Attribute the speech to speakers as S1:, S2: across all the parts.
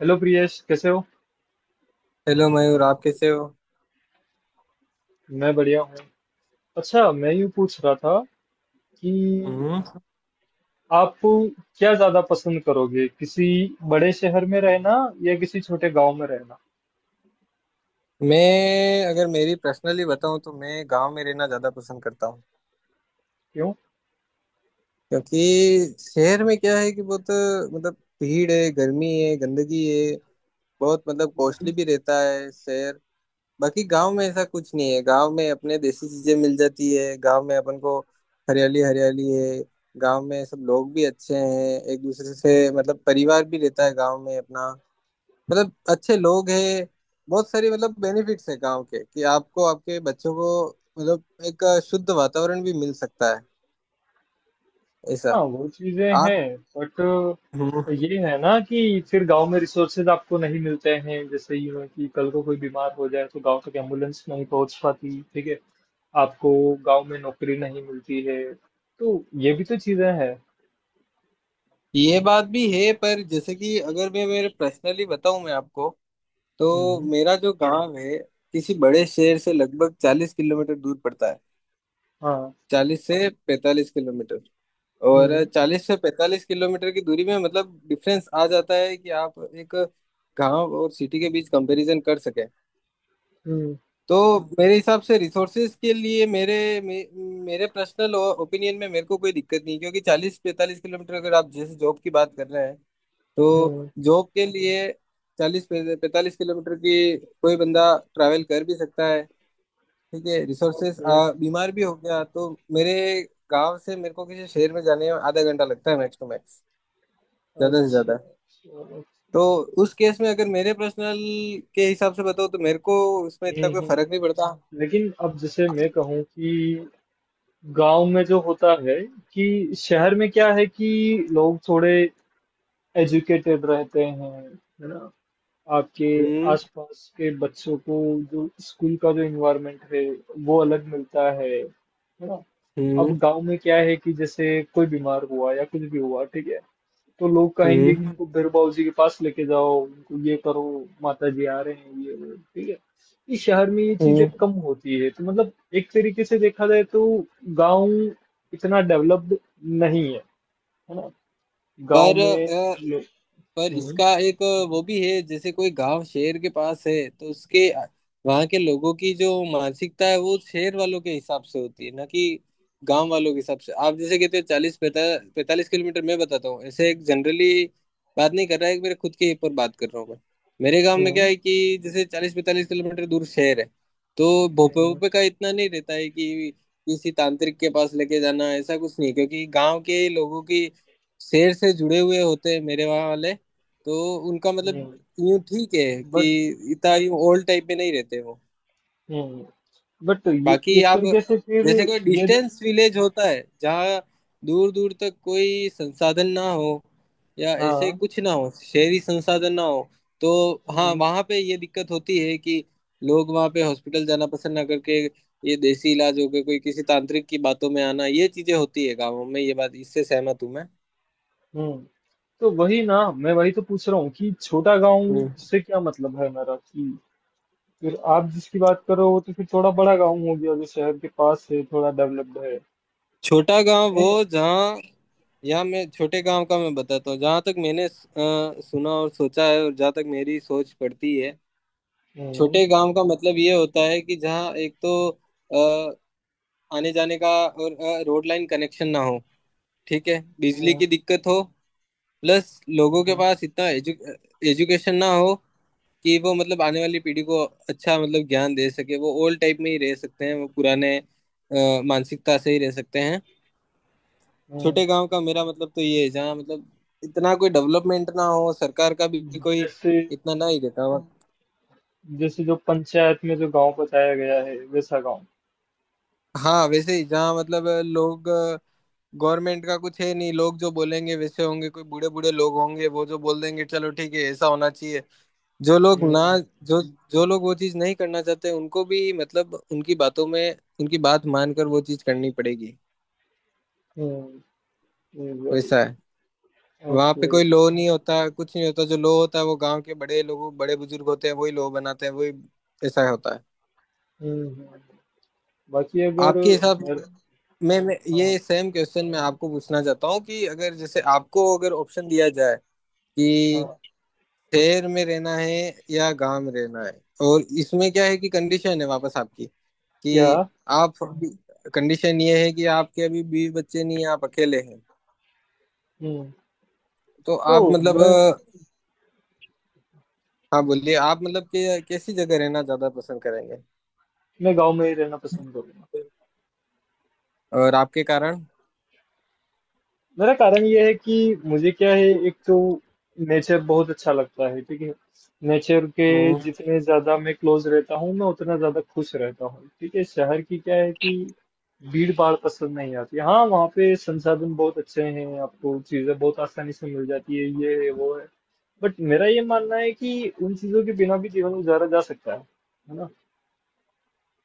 S1: Hello Priyesh, कैसे हो।
S2: Hello Mayur, आप कैसे हो।
S1: मैं बढ़िया हूँ। अच्छा, मैं यूँ पूछ रहा था कि
S2: हम्म।
S1: आप क्या ज्यादा पसंद करोगे, किसी बड़े शहर में रहना या किसी छोटे गांव में रहना?
S2: मैं अगर मेरी पर्सनली बताऊं तो मैं गांव में रहना ज्यादा पसंद करता हूं।
S1: क्यों?
S2: क्योंकि शहर में क्या है कि बहुत मतलब भीड़ है, गर्मी है, गंदगी है। बहुत मतलब कॉस्टली भी रहता है शहर। बाकी गांव में ऐसा कुछ नहीं है। गांव में अपने देसी चीजें मिल जाती है गांव में अपन को। हरियाली हरियाली है। गांव में सब लोग भी अच्छे हैं, एक दूसरे से मतलब परिवार भी रहता है गांव में अपना। मतलब अच्छे लोग हैं। बहुत सारी मतलब बेनिफिट्स है गांव के कि आपको आपके बच्चों को मतलब एक शुद्ध वातावरण भी मिल सकता है ऐसा।
S1: हाँ, वो चीजें
S2: आप।
S1: हैं, बट
S2: हम्म।
S1: ये है ना कि फिर गांव में रिसोर्सेज आपको नहीं मिलते हैं। जैसे यूँ है कि कल को कोई बीमार हो जाए तो गांव तक एम्बुलेंस नहीं पहुंच पाती, ठीक है। आपको गांव में नौकरी नहीं मिलती है, तो ये भी तो चीजें हैं।
S2: ये बात भी है, पर जैसे कि अगर मैं मेरे पर्सनली बताऊं मैं आपको। तो
S1: हम्म।
S2: मेरा जो गांव है किसी बड़े शहर से लगभग 40 किलोमीटर दूर पड़ता है।
S1: हाँ।
S2: 40 से 45 किलोमीटर। और
S1: हम्म।
S2: 40 से 45 किलोमीटर की दूरी में मतलब डिफरेंस आ जाता है कि आप एक गांव और सिटी के बीच कंपैरिजन कर सके।
S1: हम्म।
S2: तो मेरे हिसाब से रिसोर्सेज के लिए मेरे पर्सनल ओपिनियन में मेरे को कोई दिक्कत नहीं, क्योंकि 40-45 किलोमीटर अगर आप जैसे जॉब की बात कर रहे हैं तो
S1: हुँ।
S2: जॉब के लिए 40-45 किलोमीटर की कोई बंदा ट्रैवल कर भी सकता है। ठीक है, रिसोर्सेज।
S1: ओके।
S2: बीमार भी हो गया तो मेरे गांव से मेरे को किसी शहर में जाने में आधा घंटा लगता है, मैक्स टू मैक्स, ज्यादा से
S1: अच्छा,
S2: ज्यादा।
S1: चलो,
S2: तो उस केस में अगर मेरे पर्सनल के हिसाब से बताओ तो मेरे को उसमें इतना
S1: ठीक
S2: कोई
S1: है।
S2: फर्क नहीं पड़ता।
S1: लेकिन अब जैसे मैं कहूँ कि गाँव में जो होता है कि शहर में क्या है कि लोग थोड़े एजुकेटेड रहते हैं, है ना। आपके
S2: हम्म।
S1: आसपास के बच्चों को जो स्कूल का जो इन्वायरमेंट है, वो अलग मिलता है ना।
S2: हम्म।
S1: अब गांव में क्या है कि जैसे कोई बीमार हुआ या कुछ भी हुआ, ठीक है, तो लोग कहेंगे
S2: हम्म।
S1: कि उनको बिरबाऊ जी के पास लेके जाओ, उनको ये करो, माता जी आ रहे हैं, ये वो, ठीक है। इस शहर में ये चीजें
S2: हम्म।
S1: कम होती है, तो मतलब एक तरीके से देखा जाए तो गांव इतना डेवलप्ड नहीं है, है ना। गांव
S2: पर
S1: में
S2: अ,
S1: लो-
S2: पर
S1: हम्म।
S2: इसका एक वो भी है, जैसे कोई गांव शहर के पास है तो उसके वहां के लोगों की जो मानसिकता है वो शहर वालों के हिसाब से होती है, ना कि गांव वालों के हिसाब से। आप जैसे कहते हो चालीस पैता पैंतालीस किलोमीटर। मैं बताता हूँ ऐसे एक जनरली बात नहीं कर रहा है, मेरे खुद के ऊपर बात कर रहा हूँ मैं। मेरे गांव में क्या
S1: हम्म।
S2: है कि जैसे 40-45 किलोमीटर दूर शहर है, तो भोपे
S1: हम्म।
S2: भोपे का इतना नहीं रहता है कि किसी तांत्रिक के पास लेके जाना, ऐसा कुछ नहीं, क्योंकि गांव के लोगों की शहर से जुड़े हुए होते हैं मेरे वहाँ वाले। तो उनका मतलब
S1: हम्म।
S2: यूं ठीक है
S1: बट
S2: कि इतना यूं ओल्ड टाइप में नहीं रहते वो।
S1: हम्म। बट ये
S2: बाकी
S1: एक
S2: आप
S1: तरीके से फिर
S2: जैसे कोई
S1: ये देख।
S2: डिस्टेंस विलेज होता है जहाँ दूर दूर तक कोई संसाधन ना हो या ऐसे
S1: हाँ।
S2: कुछ ना हो, शहरी संसाधन ना हो, तो हाँ
S1: हम्म।
S2: वहाँ पे ये दिक्कत होती है कि लोग वहाँ पे हॉस्पिटल जाना पसंद ना करके ये देसी इलाज हो गए, कोई किसी तांत्रिक की बातों में आना, ये चीजें होती है गाँवों में। ये बात इससे सहमत हूँ
S1: हम्म। तो वही ना, मैं वही तो पूछ रहा हूँ कि छोटा गांव
S2: मैं।
S1: से क्या मतलब है मेरा, कि फिर आप जिसकी बात करो वो तो फिर थोड़ा बड़ा गांव हो गया जो शहर के पास है, थोड़ा डेवलप्ड है।
S2: छोटा गांव
S1: मैं
S2: वो जहाँ, यहाँ मैं छोटे गांव का मैं बताता हूँ जहाँ तक मैंने सुना और सोचा है और जहाँ तक मेरी सोच पड़ती है।
S1: हम्म।
S2: छोटे गांव का मतलब ये होता है कि जहाँ एक तो अ, आने जाने का और रोड लाइन कनेक्शन ना हो, ठीक है, बिजली
S1: हम्म।
S2: की दिक्कत हो, प्लस लोगों के
S1: हम्म।
S2: पास इतना एजुकेशन ना हो कि वो मतलब आने वाली पीढ़ी को अच्छा मतलब ज्ञान दे सके। वो ओल्ड टाइप में ही रह सकते हैं, वो पुराने मानसिकता से ही रह सकते हैं।
S1: हम्म।
S2: छोटे गांव का मेरा मतलब तो ये है जहाँ मतलब इतना कोई डेवलपमेंट ना हो, सरकार का भी कोई
S1: जैसे
S2: इतना ना ही देता हो।
S1: जैसे जो पंचायत में जो गांव बताया गया है, वैसा गांव।
S2: हाँ वैसे ही, जहाँ मतलब लोग, गवर्नमेंट का कुछ है नहीं, लोग जो बोलेंगे वैसे होंगे, कोई बूढ़े बूढ़े लोग होंगे वो जो बोल देंगे चलो ठीक है ऐसा होना चाहिए। जो लोग ना,
S1: हम्म।
S2: जो जो लोग वो चीज नहीं करना चाहते उनको भी मतलब उनकी बातों में उनकी बात मानकर वो चीज करनी पड़ेगी।
S1: हम्म। वही।
S2: वैसा है। वहां पे
S1: ओके।
S2: कोई लो नहीं होता, कुछ नहीं होता, जो लो होता है वो गांव के बड़े लोग बड़े बुजुर्ग होते हैं, वही लो बनाते हैं, वही, ऐसा होता है।
S1: हम्म। हम्म। बाकी अगर
S2: आपके हिसाब,
S1: मेरे
S2: मैं
S1: हाँ
S2: ये सेम क्वेश्चन मैं आपको पूछना चाहता हूँ कि अगर जैसे आपको अगर ऑप्शन दिया जाए कि
S1: हाँ
S2: शहर में रहना है या गांव में रहना है, और इसमें क्या है कि कंडीशन है वापस आपकी
S1: क्या
S2: कि आप, कंडीशन ये है कि आपके अभी बीवी बच्चे नहीं है, आप अकेले हैं।
S1: हम्म
S2: तो
S1: तो
S2: आप मतलब
S1: मैं
S2: हाँ, बोलिए, आप मतलब कि कैसी जगह रहना ज्यादा पसंद
S1: मैं गांव में ही रहना
S2: करेंगे
S1: पसंद करूंगा।
S2: और आपके कारण।
S1: मेरा कारण ये है कि मुझे क्या है, एक तो नेचर बहुत अच्छा लगता है, ठीक है। नेचर के
S2: हम्म।
S1: जितने ज्यादा मैं क्लोज रहता हूँ, मैं उतना ज्यादा खुश रहता हूँ, ठीक है। शहर की क्या है कि भीड़ भाड़ पसंद नहीं आती। हाँ, वहाँ पे संसाधन बहुत अच्छे हैं, आपको चीजें बहुत आसानी से मिल जाती है, ये है वो है, बट मेरा ये मानना है कि उन चीजों के बिना भी जीवन गुजारा जा सकता है ना।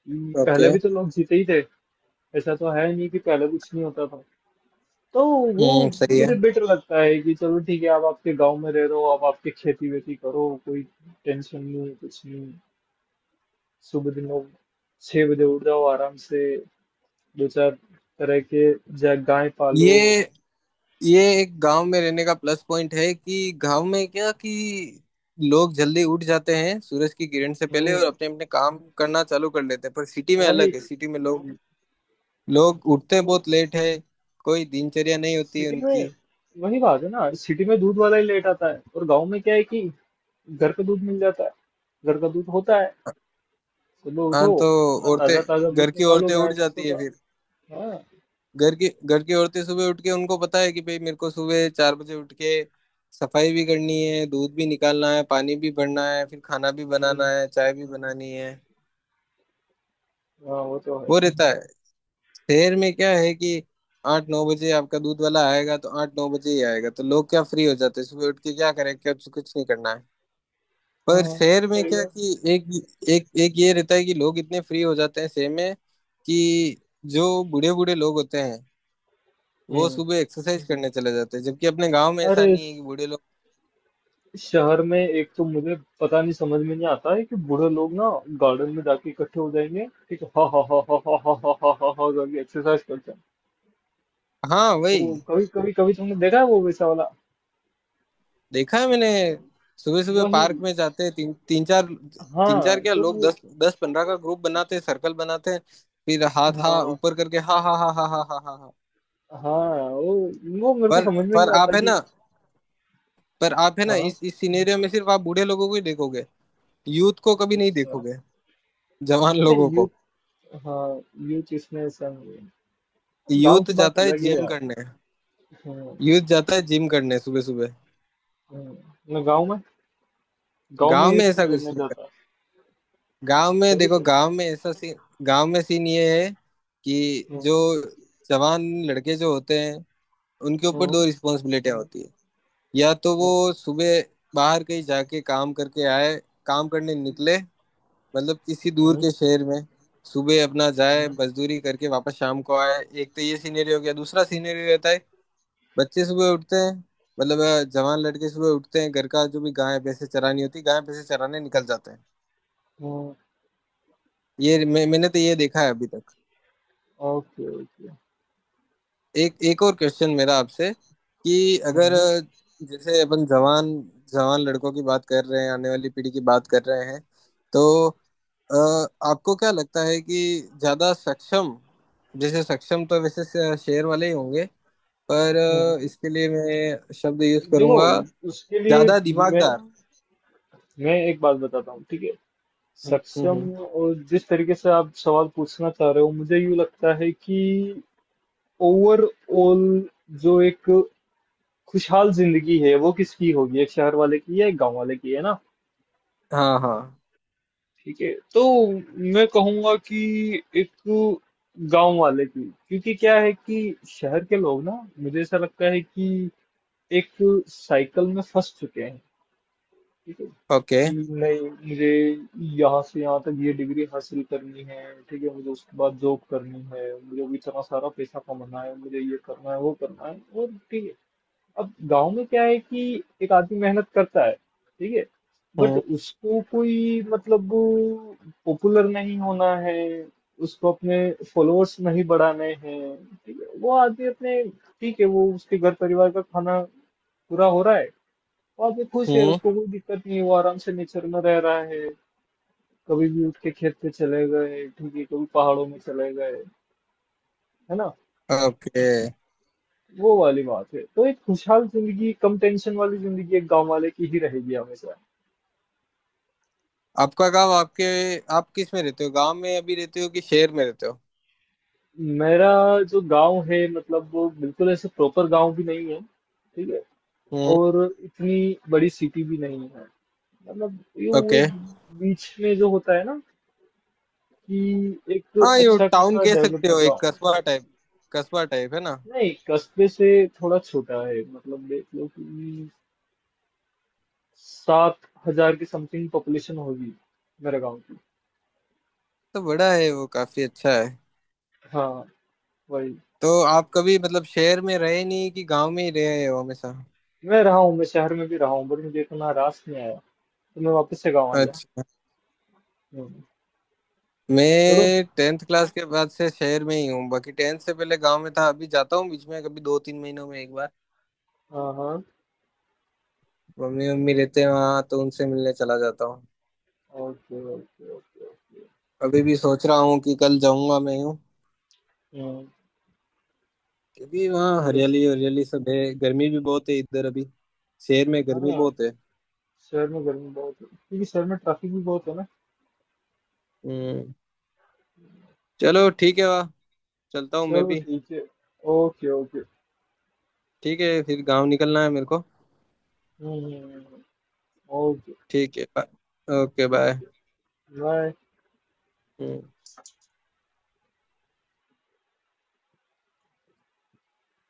S1: पहले
S2: ओके।
S1: भी तो लोग जीते ही थे। ऐसा तो है नहीं कि पहले कुछ नहीं होता था। तो वो
S2: हम्म, सही है।
S1: मुझे बेटर लगता है कि चलो ठीक है, आप आपके गांव में रह रहे हो, आप आपकी खेती वेती करो, कोई टेंशन नहीं, कुछ नहीं। सुबह दिनों 6 बजे उठ जाओ आराम से, दो चार तरह के जा गाय पालो।
S2: ये ये एक गांव में रहने का प्लस पॉइंट है कि गांव में क्या कि लोग जल्दी उठ जाते हैं सूरज की किरण से पहले और
S1: हम्म।
S2: अपने अपने काम करना चालू कर लेते हैं, पर सिटी में
S1: वही।
S2: अलग है, सिटी में लोग लोग उठते
S1: वो
S2: बहुत लेट है, कोई दिनचर्या नहीं होती
S1: सिटी में,
S2: उनकी।
S1: वही बात है ना, सिटी में दूध वाला ही लेट आता है, और गांव में क्या है कि घर का दूध मिल जाता है। घर का दूध होता है। सुबह उठो,
S2: हाँ तो
S1: अपना
S2: औरतें
S1: ताजा ताजा
S2: घर
S1: दूध
S2: की
S1: निकालो
S2: औरतें
S1: गाय
S2: उठ
S1: भैंसों
S2: जाती है।
S1: का। हाँ।
S2: घर की औरतें सुबह उठ के उनको पता है कि भाई मेरे को सुबह 4 बजे उठ के सफाई भी करनी है, दूध भी निकालना है, पानी भी भरना है, फिर खाना भी
S1: हम्म।
S2: बनाना है, चाय भी बनानी है।
S1: हाँ, वो तो है।
S2: वो रहता है। शहर में क्या है कि 8-9 बजे आपका दूध वाला आएगा तो 8-9 बजे ही आएगा, तो लोग क्या फ्री हो जाते हैं, सुबह उठ के क्या करें, क्या, कुछ नहीं करना है। पर
S1: हाँ,
S2: शहर में
S1: सही
S2: क्या
S1: है।
S2: कि एक एक एक ये रहता है कि लोग इतने फ्री हो जाते हैं शहर में कि जो बूढ़े बूढ़े लोग होते हैं वो
S1: हम्म।
S2: सुबह एक्सरसाइज करने चले जाते हैं, जबकि अपने गांव में ऐसा
S1: अरे
S2: नहीं है कि बूढ़े लोग।
S1: इस शहर में एक तो मुझे पता नहीं, समझ में नहीं आता है कि बूढ़े लोग ना गार्डन में जाके इकट्ठे हो जाएंगे, ठीक है, हा हा हा हा हा हा हा हा हा हा करके एक्सरसाइज करते हैं।
S2: हाँ, वही।
S1: वो कभी कभी कभी तुमने देखा है, वो वैसा वाला?
S2: देखा है मैंने, सुबह सुबह
S1: वही।
S2: पार्क में जाते हैं तीन तीन चार, तीन
S1: हाँ,
S2: चार क्या,
S1: तो
S2: लोग
S1: वो
S2: दस दस पंद्रह का ग्रुप बनाते हैं, सर्कल बनाते हैं, फिर हाथ हाँ
S1: हाँ
S2: ऊपर करके हा हा हा हा हा हा हा हा।
S1: हाँ वो मेरे को
S2: पर
S1: समझ में
S2: पर
S1: नहीं आता
S2: आप है
S1: कि।
S2: ना,
S1: हाँ।
S2: इस सिनेरियो में सिर्फ आप बूढ़े लोगों को ही देखोगे, यूथ को कभी नहीं
S1: अच्छा,
S2: देखोगे, जवान लोगों
S1: नहीं
S2: को।
S1: यूथ। हाँ, यूथ इसमें ऐसा नहीं है। गाँव
S2: यूथ
S1: की बात
S2: जाता है
S1: अलग है,
S2: जिम
S1: यार।
S2: करने
S1: हम्म।
S2: यूथ जाता है जिम करने सुबह सुबह।
S1: हम्म। ना गाँव में गांव में
S2: गांव में
S1: यूज
S2: ऐसा
S1: क्या
S2: कुछ,
S1: करने जाता है?
S2: गांव में
S1: वही
S2: देखो,
S1: तो।
S2: गांव में ऐसा सीन, गांव में सीन ये है कि जो
S1: हम्म।
S2: जवान लड़के जो होते हैं उनके ऊपर
S1: हम्म।
S2: दो रिस्पॉन्सिबिलिटियां होती है। या तो
S1: हम्म।
S2: वो सुबह बाहर कहीं जाके काम करके आए, काम करने निकले, मतलब किसी दूर
S1: हम्म।
S2: के शहर में सुबह अपना जाए,
S1: हम्म।
S2: मजदूरी करके वापस शाम को आए। एक तो ये सीनरी हो गया, दूसरा सीनरी रहता है बच्चे सुबह उठते हैं, मतलब जवान लड़के सुबह उठते हैं, घर का जो भी गाय भैंसे चरानी होती है गाय भैंसे चराने निकल जाते हैं।
S1: हम्म।
S2: ये मैंने तो ये देखा है अभी तक।
S1: Okay, okay.
S2: एक एक और क्वेश्चन मेरा आपसे कि अगर
S1: हम्म।
S2: जैसे अपन जवान जवान लड़कों की बात कर रहे हैं, आने वाली पीढ़ी की बात कर रहे हैं, तो आपको क्या लगता है कि ज्यादा सक्षम, जैसे सक्षम तो वैसे शेर वाले ही होंगे, पर
S1: हम्म।
S2: इसके लिए मैं शब्द यूज
S1: देखो,
S2: करूंगा,
S1: उसके लिए
S2: ज्यादा
S1: मैं
S2: दिमागदार।
S1: एक बात बताता हूँ, ठीक है।
S2: हम्म। हम्म।
S1: सक्षम
S2: हम्म।
S1: और जिस तरीके से आप सवाल पूछना चाह रहे हो, मुझे यूँ लगता है कि ओवरऑल जो एक खुशहाल जिंदगी है, वो किसकी होगी, एक शहर वाले की या एक गांव वाले की, है ना।
S2: हाँ हाँ।
S1: ठीक है, तो मैं कहूंगा कि एक गांव वाले की। क्योंकि क्या है कि शहर के लोग ना, मुझे ऐसा लगता है कि एक साइकिल में फंस चुके हैं, ठीक है
S2: ओके।
S1: कि नहीं। मुझे यहाँ से यहाँ तक ये डिग्री हासिल करनी है, ठीक है, मुझे उसके बाद जॉब करनी है, मुझे भी इतना सारा पैसा कमाना है, मुझे ये करना है वो करना है और ठीक है। अब गांव में क्या है कि एक आदमी मेहनत करता है, ठीक है, बट
S2: हम्म।
S1: उसको कोई मतलब पॉपुलर नहीं होना है, उसको अपने फॉलोअर्स नहीं बढ़ाने हैं, ठीक है। वो आदमी अपने ठीक है, वो उसके घर परिवार का खाना पूरा हो रहा है, वो आदमी खुश है,
S2: हम्म।
S1: उसको कोई दिक्कत नहीं है, वो आराम से नेचर में रह रहा है। कभी भी उठ के खेत पे चले गए, ठीक है, कभी पहाड़ों में चले गए, है ना।
S2: ओके।
S1: वो वाली बात है। तो एक खुशहाल जिंदगी, कम टेंशन वाली जिंदगी, एक गांव वाले की ही रहेगी हमेशा।
S2: आपका गांव आपके, आप किस में रहते हो, गांव में अभी रहते हो कि शहर में रहते हो।
S1: मेरा जो गांव है, मतलब वो बिल्कुल ऐसे प्रॉपर गांव भी नहीं है, ठीक है,
S2: हम्म।
S1: और इतनी बड़ी सिटी भी नहीं है। मतलब ये वो
S2: ओके।
S1: एक बीच में जो होता है ना, कि एक
S2: हाँ ये
S1: अच्छा
S2: टाउन
S1: खासा
S2: कह सकते
S1: डेवलप्ड
S2: हो, एक
S1: गांव।
S2: कस्बा टाइप है ना।
S1: नहीं, कस्बे से थोड़ा छोटा है, मतलब देख लो कि 7 हजार की समथिंग पॉपुलेशन होगी मेरे गांव की।
S2: तो बड़ा है वो, काफी अच्छा है।
S1: हाँ। वही।
S2: तो आप कभी मतलब शहर में रहे नहीं कि गांव में ही रहे हो हमेशा।
S1: मैं रहा हूँ, मैं शहर में भी रहा हूँ, बट मुझे इतना रास नहीं आया, तो मैं वापस से गाँव आ गया।
S2: अच्छा।
S1: हम्म। चलो।
S2: मैं टेंथ क्लास के बाद से शहर में ही हूँ, बाकी टेंथ से पहले गांव में था, अभी जाता हूँ बीच में कभी, 2-3 महीनों में एक बार।
S1: हाँ हाँ।
S2: मम्मी मम्मी रहते हैं वहाँ तो उनसे मिलने चला जाता हूँ।
S1: Okay okay okay okay.
S2: अभी भी सोच रहा हूँ कि कल जाऊंगा मैं हूँ।
S1: हम्म।
S2: क्योंकि वहाँ
S1: चलो
S2: हरियाली
S1: सर।
S2: हरियाली सब है, गर्मी भी बहुत है इधर अभी, शहर में
S1: हाँ,
S2: गर्मी बहुत है।
S1: शहर में गर्मी बहुत है क्योंकि शहर में ट्रैफिक भी बहुत है ना।
S2: हम्म। चलो, ठीक है, वाह, चलता हूँ मैं
S1: चलो
S2: भी।
S1: ठीक है। Okay okay.
S2: ठीक है, फिर गाँव निकलना है मेरे को।
S1: हम्म। ओके।
S2: ठीक है, बाय। ओके,
S1: ठीक
S2: बाय।
S1: है, बाय।
S2: हम्म।